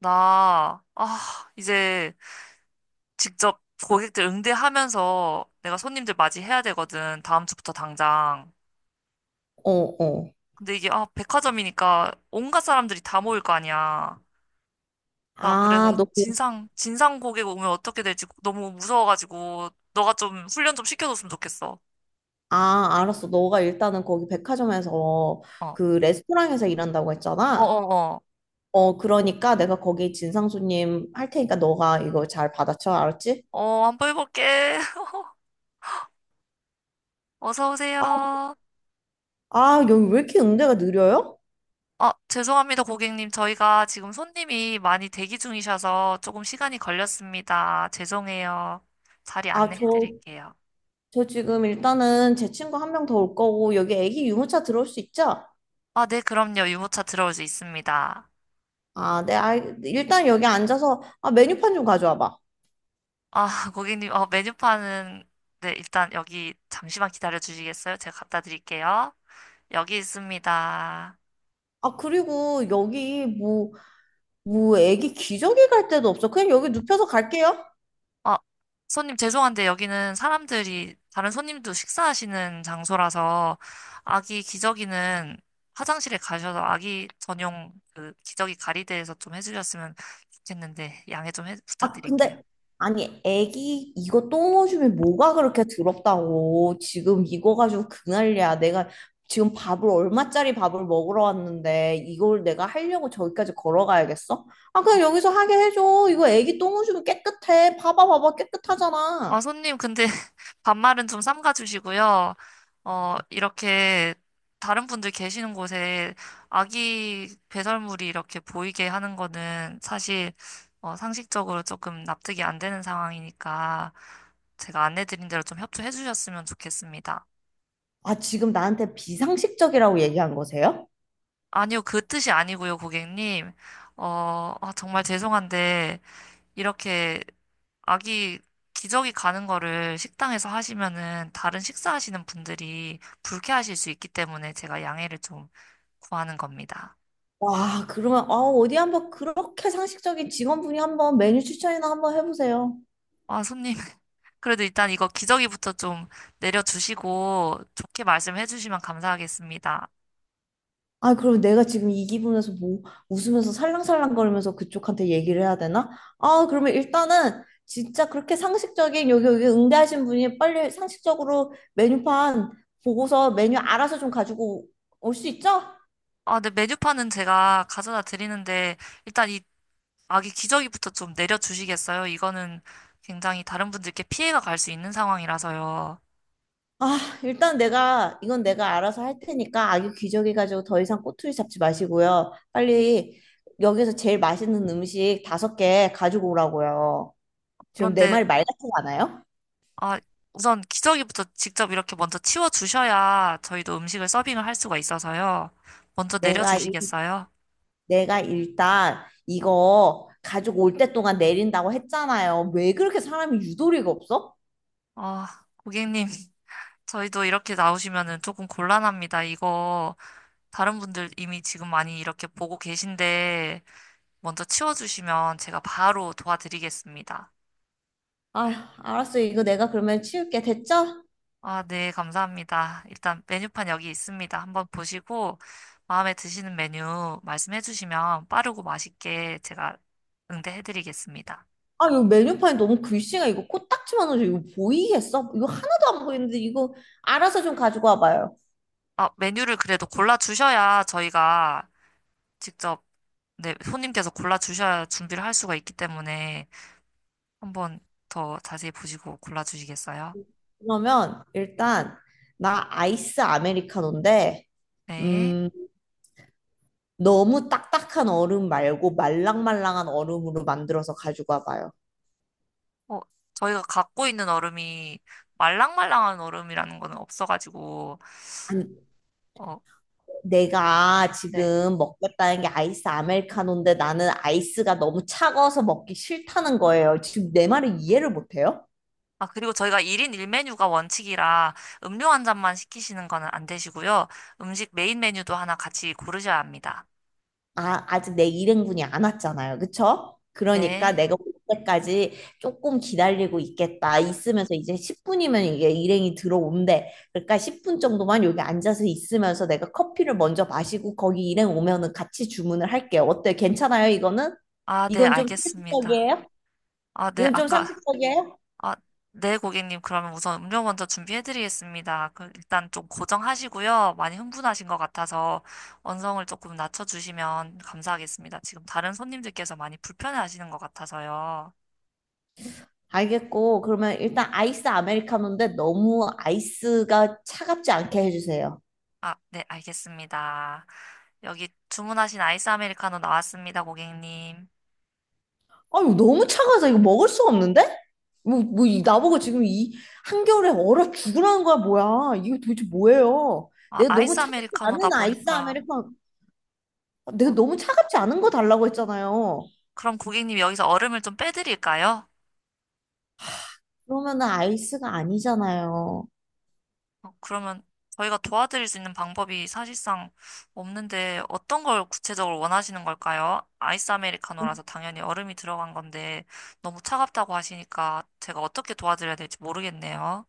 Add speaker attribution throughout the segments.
Speaker 1: 나, 아, 이제 직접 고객들 응대하면서 내가 손님들 맞이해야 되거든. 다음 주부터 당장.
Speaker 2: 어, 어.
Speaker 1: 근데 이게, 아, 백화점이니까 온갖 사람들이 다 모일 거 아니야. 나 그래서
Speaker 2: 아, 너,
Speaker 1: 진상 고객 오면 어떻게 될지 너무 무서워가지고, 너가 좀 훈련 좀 시켜줬으면 좋겠어.
Speaker 2: 아, 알았어. 너가 일단은 거기 백화점에서
Speaker 1: 어, 어어어.
Speaker 2: 그 레스토랑에서 일한다고
Speaker 1: 어,
Speaker 2: 했잖아.
Speaker 1: 어,
Speaker 2: 어, 그러니까 내가 거기 진상 손님 할 테니까 너가 이거 잘 받아쳐. 알았지?
Speaker 1: 어, 어, 한번 해볼게. 어서
Speaker 2: 아,
Speaker 1: 오세요.
Speaker 2: 아, 여기 왜 이렇게 응대가 느려요?
Speaker 1: 아, 죄송합니다, 고객님. 저희가 지금 손님이 많이 대기 중이셔서 조금 시간이 걸렸습니다. 죄송해요. 자리
Speaker 2: 아,
Speaker 1: 안내해
Speaker 2: 저,
Speaker 1: 드릴게요.
Speaker 2: 저 지금 일단은 제 친구 한 명 더 올 거고, 여기 애기 유모차 들어올 수 있죠?
Speaker 1: 아, 네, 그럼요. 유모차 들어올 수 있습니다.
Speaker 2: 아, 네, 일단 여기 앉아서, 아, 메뉴판 좀 가져와 봐.
Speaker 1: 아, 고객님, 어, 메뉴판은, 네, 일단 여기 잠시만 기다려 주시겠어요? 제가 갖다 드릴게요. 여기 있습니다.
Speaker 2: 아, 그리고 여기 뭐, 애기 기저귀 갈 데도 없어. 그냥 여기 눕혀서 갈게요.
Speaker 1: 아, 손님 죄송한데 여기는 사람들이 다른 손님도 식사하시는 장소라서 아기 기저귀는 화장실에 가셔서 아기 전용 그 기저귀 가리대에서 좀 해주셨으면 좋겠는데 양해 좀
Speaker 2: 아,
Speaker 1: 부탁드릴게요.
Speaker 2: 근데, 아니, 애기 이거 똥 오줌이 뭐가 그렇게 더럽다고. 지금 이거 가지고 그 난리야. 내가 지금 밥을, 얼마짜리 밥을 먹으러 왔는데, 이걸 내가 하려고 저기까지 걸어가야겠어? 아, 그냥 여기서 하게 해줘. 이거 애기 똥 오줌이 깨끗해. 봐봐, 봐봐. 깨끗하잖아.
Speaker 1: 아, 손님, 근데 반말은 좀 삼가 주시고요. 어, 이렇게 다른 분들 계시는 곳에 아기 배설물이 이렇게 보이게 하는 거는 사실 어, 상식적으로 조금 납득이 안 되는 상황이니까 제가 안내드린 대로 좀 협조해 주셨으면 좋겠습니다.
Speaker 2: 아, 지금 나한테 비상식적이라고 얘기한 거세요?
Speaker 1: 아니요, 그 뜻이 아니고요, 고객님. 어, 아, 정말 죄송한데 이렇게 아기 기저귀 가는 거를 식당에서 하시면은 다른 식사하시는 분들이 불쾌하실 수 있기 때문에 제가 양해를 좀 구하는 겁니다.
Speaker 2: 와, 그러면, 아, 어디 한번 그렇게 상식적인 직원분이 한번 메뉴 추천이나 한번 해보세요.
Speaker 1: 아, 손님. 그래도 일단 이거 기저귀부터 좀 내려주시고 좋게 말씀해 주시면 감사하겠습니다.
Speaker 2: 아, 그럼 내가 지금 이 기분에서 뭐 웃으면서 살랑살랑거리면서 그쪽한테 얘기를 해야 되나? 아, 그러면 일단은 진짜 그렇게 상식적인 여기 응대하신 분이 빨리 상식적으로 메뉴판 보고서 메뉴 알아서 좀 가지고 올 수 있죠?
Speaker 1: 아, 네, 메뉴판은 제가 가져다 드리는데 일단 이 아기 기저귀부터 좀 내려주시겠어요? 이거는 굉장히 다른 분들께 피해가 갈 수 있는 상황이라서요.
Speaker 2: 아, 일단 내가 이건 내가 알아서 할 테니까 아기 기저귀 가지고 더 이상 꼬투리 잡지 마시고요. 빨리 여기서 제일 맛있는 음식 다섯 개 가지고 오라고요. 지금 내
Speaker 1: 그런데
Speaker 2: 말이 말 같지 않아요?
Speaker 1: 아, 우선 기저귀부터 직접 이렇게 먼저 치워주셔야 저희도 음식을 서빙을 할 수가 있어서요. 먼저
Speaker 2: 내가
Speaker 1: 내려주시겠어요?
Speaker 2: 내가 일단 이거 가지고 올 때 동안 내린다고 했잖아요. 왜 그렇게 사람이 유도리가 없어?
Speaker 1: 아, 고객님, 저희도 이렇게 나오시면은 조금 곤란합니다. 이거 다른 분들 이미 지금 많이 이렇게 보고 계신데 먼저 치워주시면 제가 바로 도와드리겠습니다.
Speaker 2: 아휴, 알았어. 이거 내가 그러면 치울게. 됐죠?
Speaker 1: 아, 네, 감사합니다. 일단 메뉴판 여기 있습니다. 한번 보시고 마음에 드시는 메뉴 말씀해 주시면 빠르고 맛있게 제가 응대해 드리겠습니다.
Speaker 2: 아, 이거 메뉴판이 너무 글씨가 이거 코딱지만 하죠. 이거 보이겠어? 이거 하나도 안 보이는데 이거 알아서 좀 가지고 와봐요.
Speaker 1: 아, 메뉴를 그래도 골라주셔야 저희가 직접, 네, 손님께서 골라주셔야 준비를 할 수가 있기 때문에 한번 더 자세히 보시고 골라주시겠어요?
Speaker 2: 그러면 일단 나 아이스 아메리카노인데
Speaker 1: 네.
Speaker 2: 음, 너무 딱딱한 얼음 말고 말랑말랑한 얼음으로 만들어서 가지고 와봐요.
Speaker 1: 어, 저희가 갖고 있는 얼음이 말랑말랑한 얼음이라는 거는 없어가지고,
Speaker 2: 아니,
Speaker 1: 어,
Speaker 2: 내가
Speaker 1: 네.
Speaker 2: 지금 먹겠다는 게 아이스 아메리카노인데 나는 아이스가 너무 차가워서 먹기 싫다는 거예요. 지금 내 말을 이해를 못해요?
Speaker 1: 아, 그리고 저희가 1인 1메뉴가 원칙이라 음료 한 잔만 시키시는 거는 안 되시고요. 음식 메인 메뉴도 하나 같이 고르셔야 합니다.
Speaker 2: 아, 아직 내 일행분이 안 왔잖아요. 그쵸? 그러니까
Speaker 1: 네.
Speaker 2: 내가 올 때까지 조금 기다리고 있겠다. 있으면서 이제 10분이면 이게 일행이 들어온대. 그러니까 10분 정도만 여기 앉아서 있으면서 내가 커피를 먼저 마시고 거기 일행 오면은 같이 주문을 할게요. 어때? 괜찮아요? 이거는?
Speaker 1: 아, 네,
Speaker 2: 이건 좀
Speaker 1: 알겠습니다.
Speaker 2: 상식적이에요?
Speaker 1: 아, 네,
Speaker 2: 이건 좀
Speaker 1: 아까
Speaker 2: 상식적이에요?
Speaker 1: 아, 네, 고객님. 그러면 우선 음료 먼저 준비해드리겠습니다. 그 일단 좀 고정하시고요. 많이 흥분하신 것 같아서 언성을 조금 낮춰주시면 감사하겠습니다. 지금 다른 손님들께서 많이 불편해하시는 것 같아서요.
Speaker 2: 알겠고, 그러면 일단 아이스 아메리카노인데 너무 아이스가 차갑지 않게 해주세요.
Speaker 1: 아, 네, 알겠습니다. 여기 주문하신 아이스 아메리카노 나왔습니다, 고객님.
Speaker 2: 아유, 너무 차가워서 이거 먹을 수가 없는데? 뭐, 나보고 지금 이 한겨울에 얼어 죽으라는 거야, 뭐야. 이거 도대체 뭐예요?
Speaker 1: 아,
Speaker 2: 내가 너무
Speaker 1: 아이스
Speaker 2: 차갑지
Speaker 1: 아메리카노다
Speaker 2: 않은 아이스
Speaker 1: 보니까.
Speaker 2: 아메리카노, 내가
Speaker 1: 어,
Speaker 2: 너무 차갑지 않은 거 달라고 했잖아요.
Speaker 1: 그럼 고객님 여기서 얼음을 좀 빼드릴까요?
Speaker 2: 그러면은 아이스가 아니잖아요.
Speaker 1: 어, 그러면 저희가 도와드릴 수 있는 방법이 사실상 없는데 어떤 걸 구체적으로 원하시는 걸까요? 아이스 아메리카노라서 당연히 얼음이 들어간 건데 너무 차갑다고 하시니까 제가 어떻게 도와드려야 될지 모르겠네요.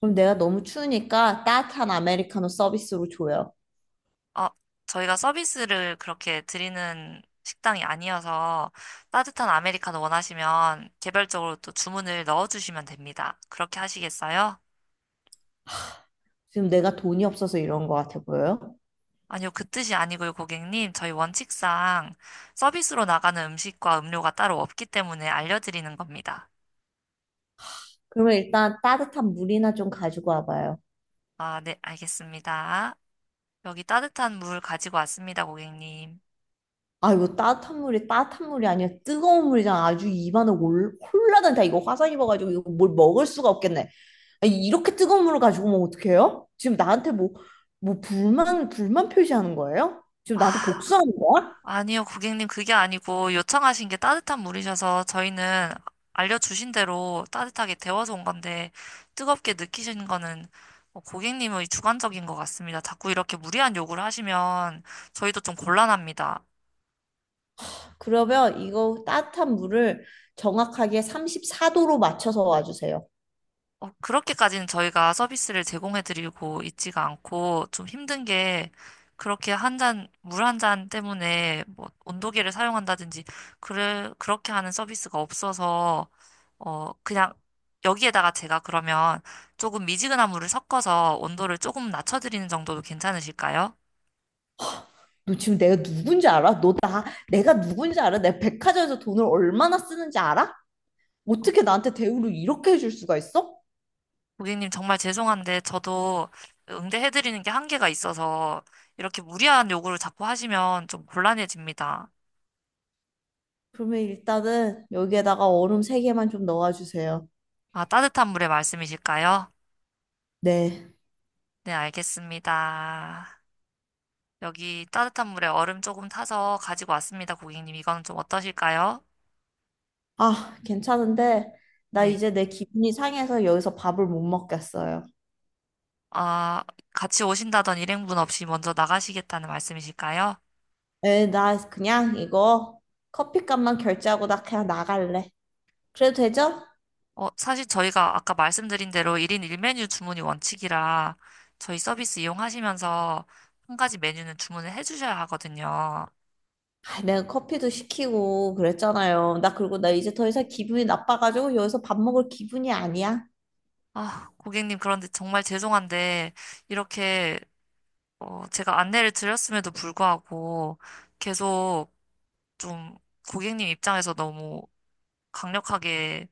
Speaker 2: 그럼 내가 너무 추우니까 따뜻한 아메리카노 서비스로 줘요.
Speaker 1: 어, 저희가 서비스를 그렇게 드리는 식당이 아니어서 따뜻한 아메리카노 원하시면 개별적으로 또 주문을 넣어주시면 됩니다. 그렇게 하시겠어요?
Speaker 2: 지금 내가 돈이 없어서 이런 거 같아 보여요?
Speaker 1: 아니요, 그 뜻이 아니고요, 고객님. 저희 원칙상 서비스로 나가는 음식과 음료가 따로 없기 때문에 알려드리는 겁니다.
Speaker 2: 그러면 일단 따뜻한 물이나 좀 가지고 와봐요.
Speaker 1: 아, 네, 알겠습니다. 여기 따뜻한 물 가지고 왔습니다, 고객님.
Speaker 2: 아, 이거 따뜻한 물이 따뜻한 물이 아니야. 뜨거운 물이잖아. 아주 입안에 올, 홀라단다. 이거 화상 입어가지고 이거 뭘 먹을 수가 없겠네. 아니, 이렇게 뜨거운 물을 가지고 오면 어떡해요? 지금 나한테 뭐, 불만 표시하는 거예요? 지금 나한테
Speaker 1: 아,
Speaker 2: 복수하는 거야?
Speaker 1: 아니요, 고객님, 그게 아니고 요청하신 게 따뜻한 물이셔서 저희는 알려주신 대로 따뜻하게 데워서 온 건데 뜨겁게 느끼시는 거는 어, 고객님의 주관적인 것 같습니다. 자꾸 이렇게 무리한 요구를 하시면 저희도 좀 곤란합니다.
Speaker 2: 그러면 이거 따뜻한 물을 정확하게 34도로 맞춰서 와주세요.
Speaker 1: 어, 그렇게까지는 저희가 서비스를 제공해드리고 있지가 않고 좀 힘든 게 그렇게 한 잔, 물 한 잔 때문에 뭐 온도계를 사용한다든지 그래, 그렇게 하는 서비스가 없어서 어, 그냥 여기에다가 제가 그러면 조금 미지근한 물을 섞어서 온도를 조금 낮춰드리는 정도도 괜찮으실까요?
Speaker 2: 너 지금 내가 누군지 알아? 내가 누군지 알아? 내가 백화점에서 돈을 얼마나 쓰는지 알아? 어떻게 나한테 대우를 이렇게 해줄 수가 있어?
Speaker 1: 고객님 정말 죄송한데 저도 응대해드리는 게 한계가 있어서 이렇게 무리한 요구를 자꾸 하시면 좀 곤란해집니다.
Speaker 2: 그러면 일단은 여기에다가 얼음 세개만좀 넣어주세요.
Speaker 1: 아, 따뜻한 물의 말씀이실까요?
Speaker 2: 네.
Speaker 1: 네, 알겠습니다. 여기 따뜻한 물에 얼음 조금 타서 가지고 왔습니다, 고객님. 이건 좀 어떠실까요?
Speaker 2: 아, 괜찮은데, 나
Speaker 1: 네.
Speaker 2: 이제 내 기분이 상해서 여기서 밥을 못 먹겠어요.
Speaker 1: 아, 같이 오신다던 일행분 없이 먼저 나가시겠다는 말씀이실까요?
Speaker 2: 에, 나 그냥 이거 커피값만 결제하고 나 그냥 나갈래. 그래도 되죠?
Speaker 1: 어, 사실 저희가 아까 말씀드린 대로 1인 1메뉴 주문이 원칙이라 저희 서비스 이용하시면서 한 가지 메뉴는 주문을 해주셔야 하거든요.
Speaker 2: 아, 내가 커피도 시키고 그랬잖아요. 나 그리고 나 이제 더 이상 기분이 나빠가지고 여기서 밥 먹을 기분이 아니야.
Speaker 1: 아, 고객님, 그런데 정말 죄송한데 이렇게 어, 제가 안내를 드렸음에도 불구하고 계속 좀 고객님 입장에서 너무 강력하게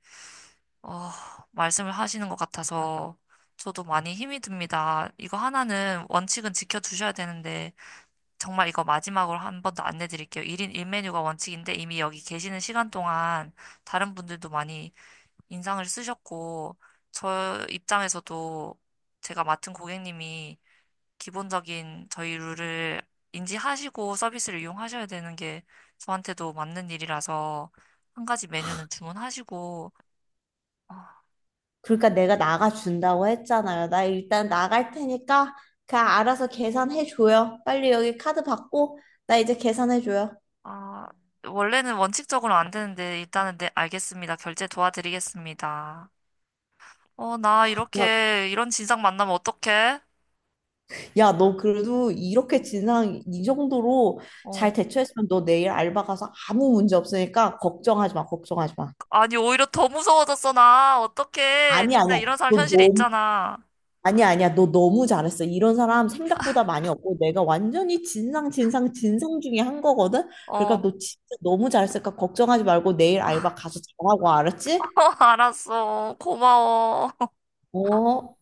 Speaker 1: 어, 말씀을 하시는 것 같아서 저도 많이 힘이 듭니다. 이거 하나는 원칙은 지켜주셔야 되는데 정말 이거 마지막으로 한 번 더 안내 드릴게요. 1인 1메뉴가 원칙인데 이미 여기 계시는 시간 동안 다른 분들도 많이 인상을 쓰셨고 저 입장에서도 제가 맡은 고객님이 기본적인 저희 룰을 인지하시고 서비스를 이용하셔야 되는 게 저한테도 맞는 일이라서 한 가지 메뉴는 주문하시고 아,
Speaker 2: 그러니까 내가 나가준다고 했잖아요. 나 일단 나갈 테니까 그냥 알아서 계산해 줘요. 빨리 여기 카드 받고 나 이제 계산해 줘요.
Speaker 1: 아, 원래는 원칙적으로 안 되는데 일단은 네, 알겠습니다. 결제 도와드리겠습니다. 어, 나
Speaker 2: 야,
Speaker 1: 이렇게 이런 진상 만나면 어떡해?
Speaker 2: 야, 너 그래도
Speaker 1: 어,
Speaker 2: 이렇게 진상 이 정도로 잘
Speaker 1: 어,
Speaker 2: 대처했으면 너 내일 알바 가서 아무 문제 없으니까 걱정하지 마. 걱정하지 마.
Speaker 1: 아니 오히려 더 무서워졌어 나. 어떡해?
Speaker 2: 아니야, 아니야.
Speaker 1: 진짜 이런 사람
Speaker 2: 너
Speaker 1: 현실에
Speaker 2: 너무
Speaker 1: 있잖아.
Speaker 2: 아니야, 아니야. 너 너무 잘했어. 이런 사람 생각보다 많이 없고 내가 완전히 진상 진상 진상 중에 한 거거든.
Speaker 1: 어,
Speaker 2: 그러니까 너 진짜 너무 잘했으니까 걱정하지 말고 내일 알바 가서 잘하고 알았지?
Speaker 1: 알았어. 고마워.
Speaker 2: 어,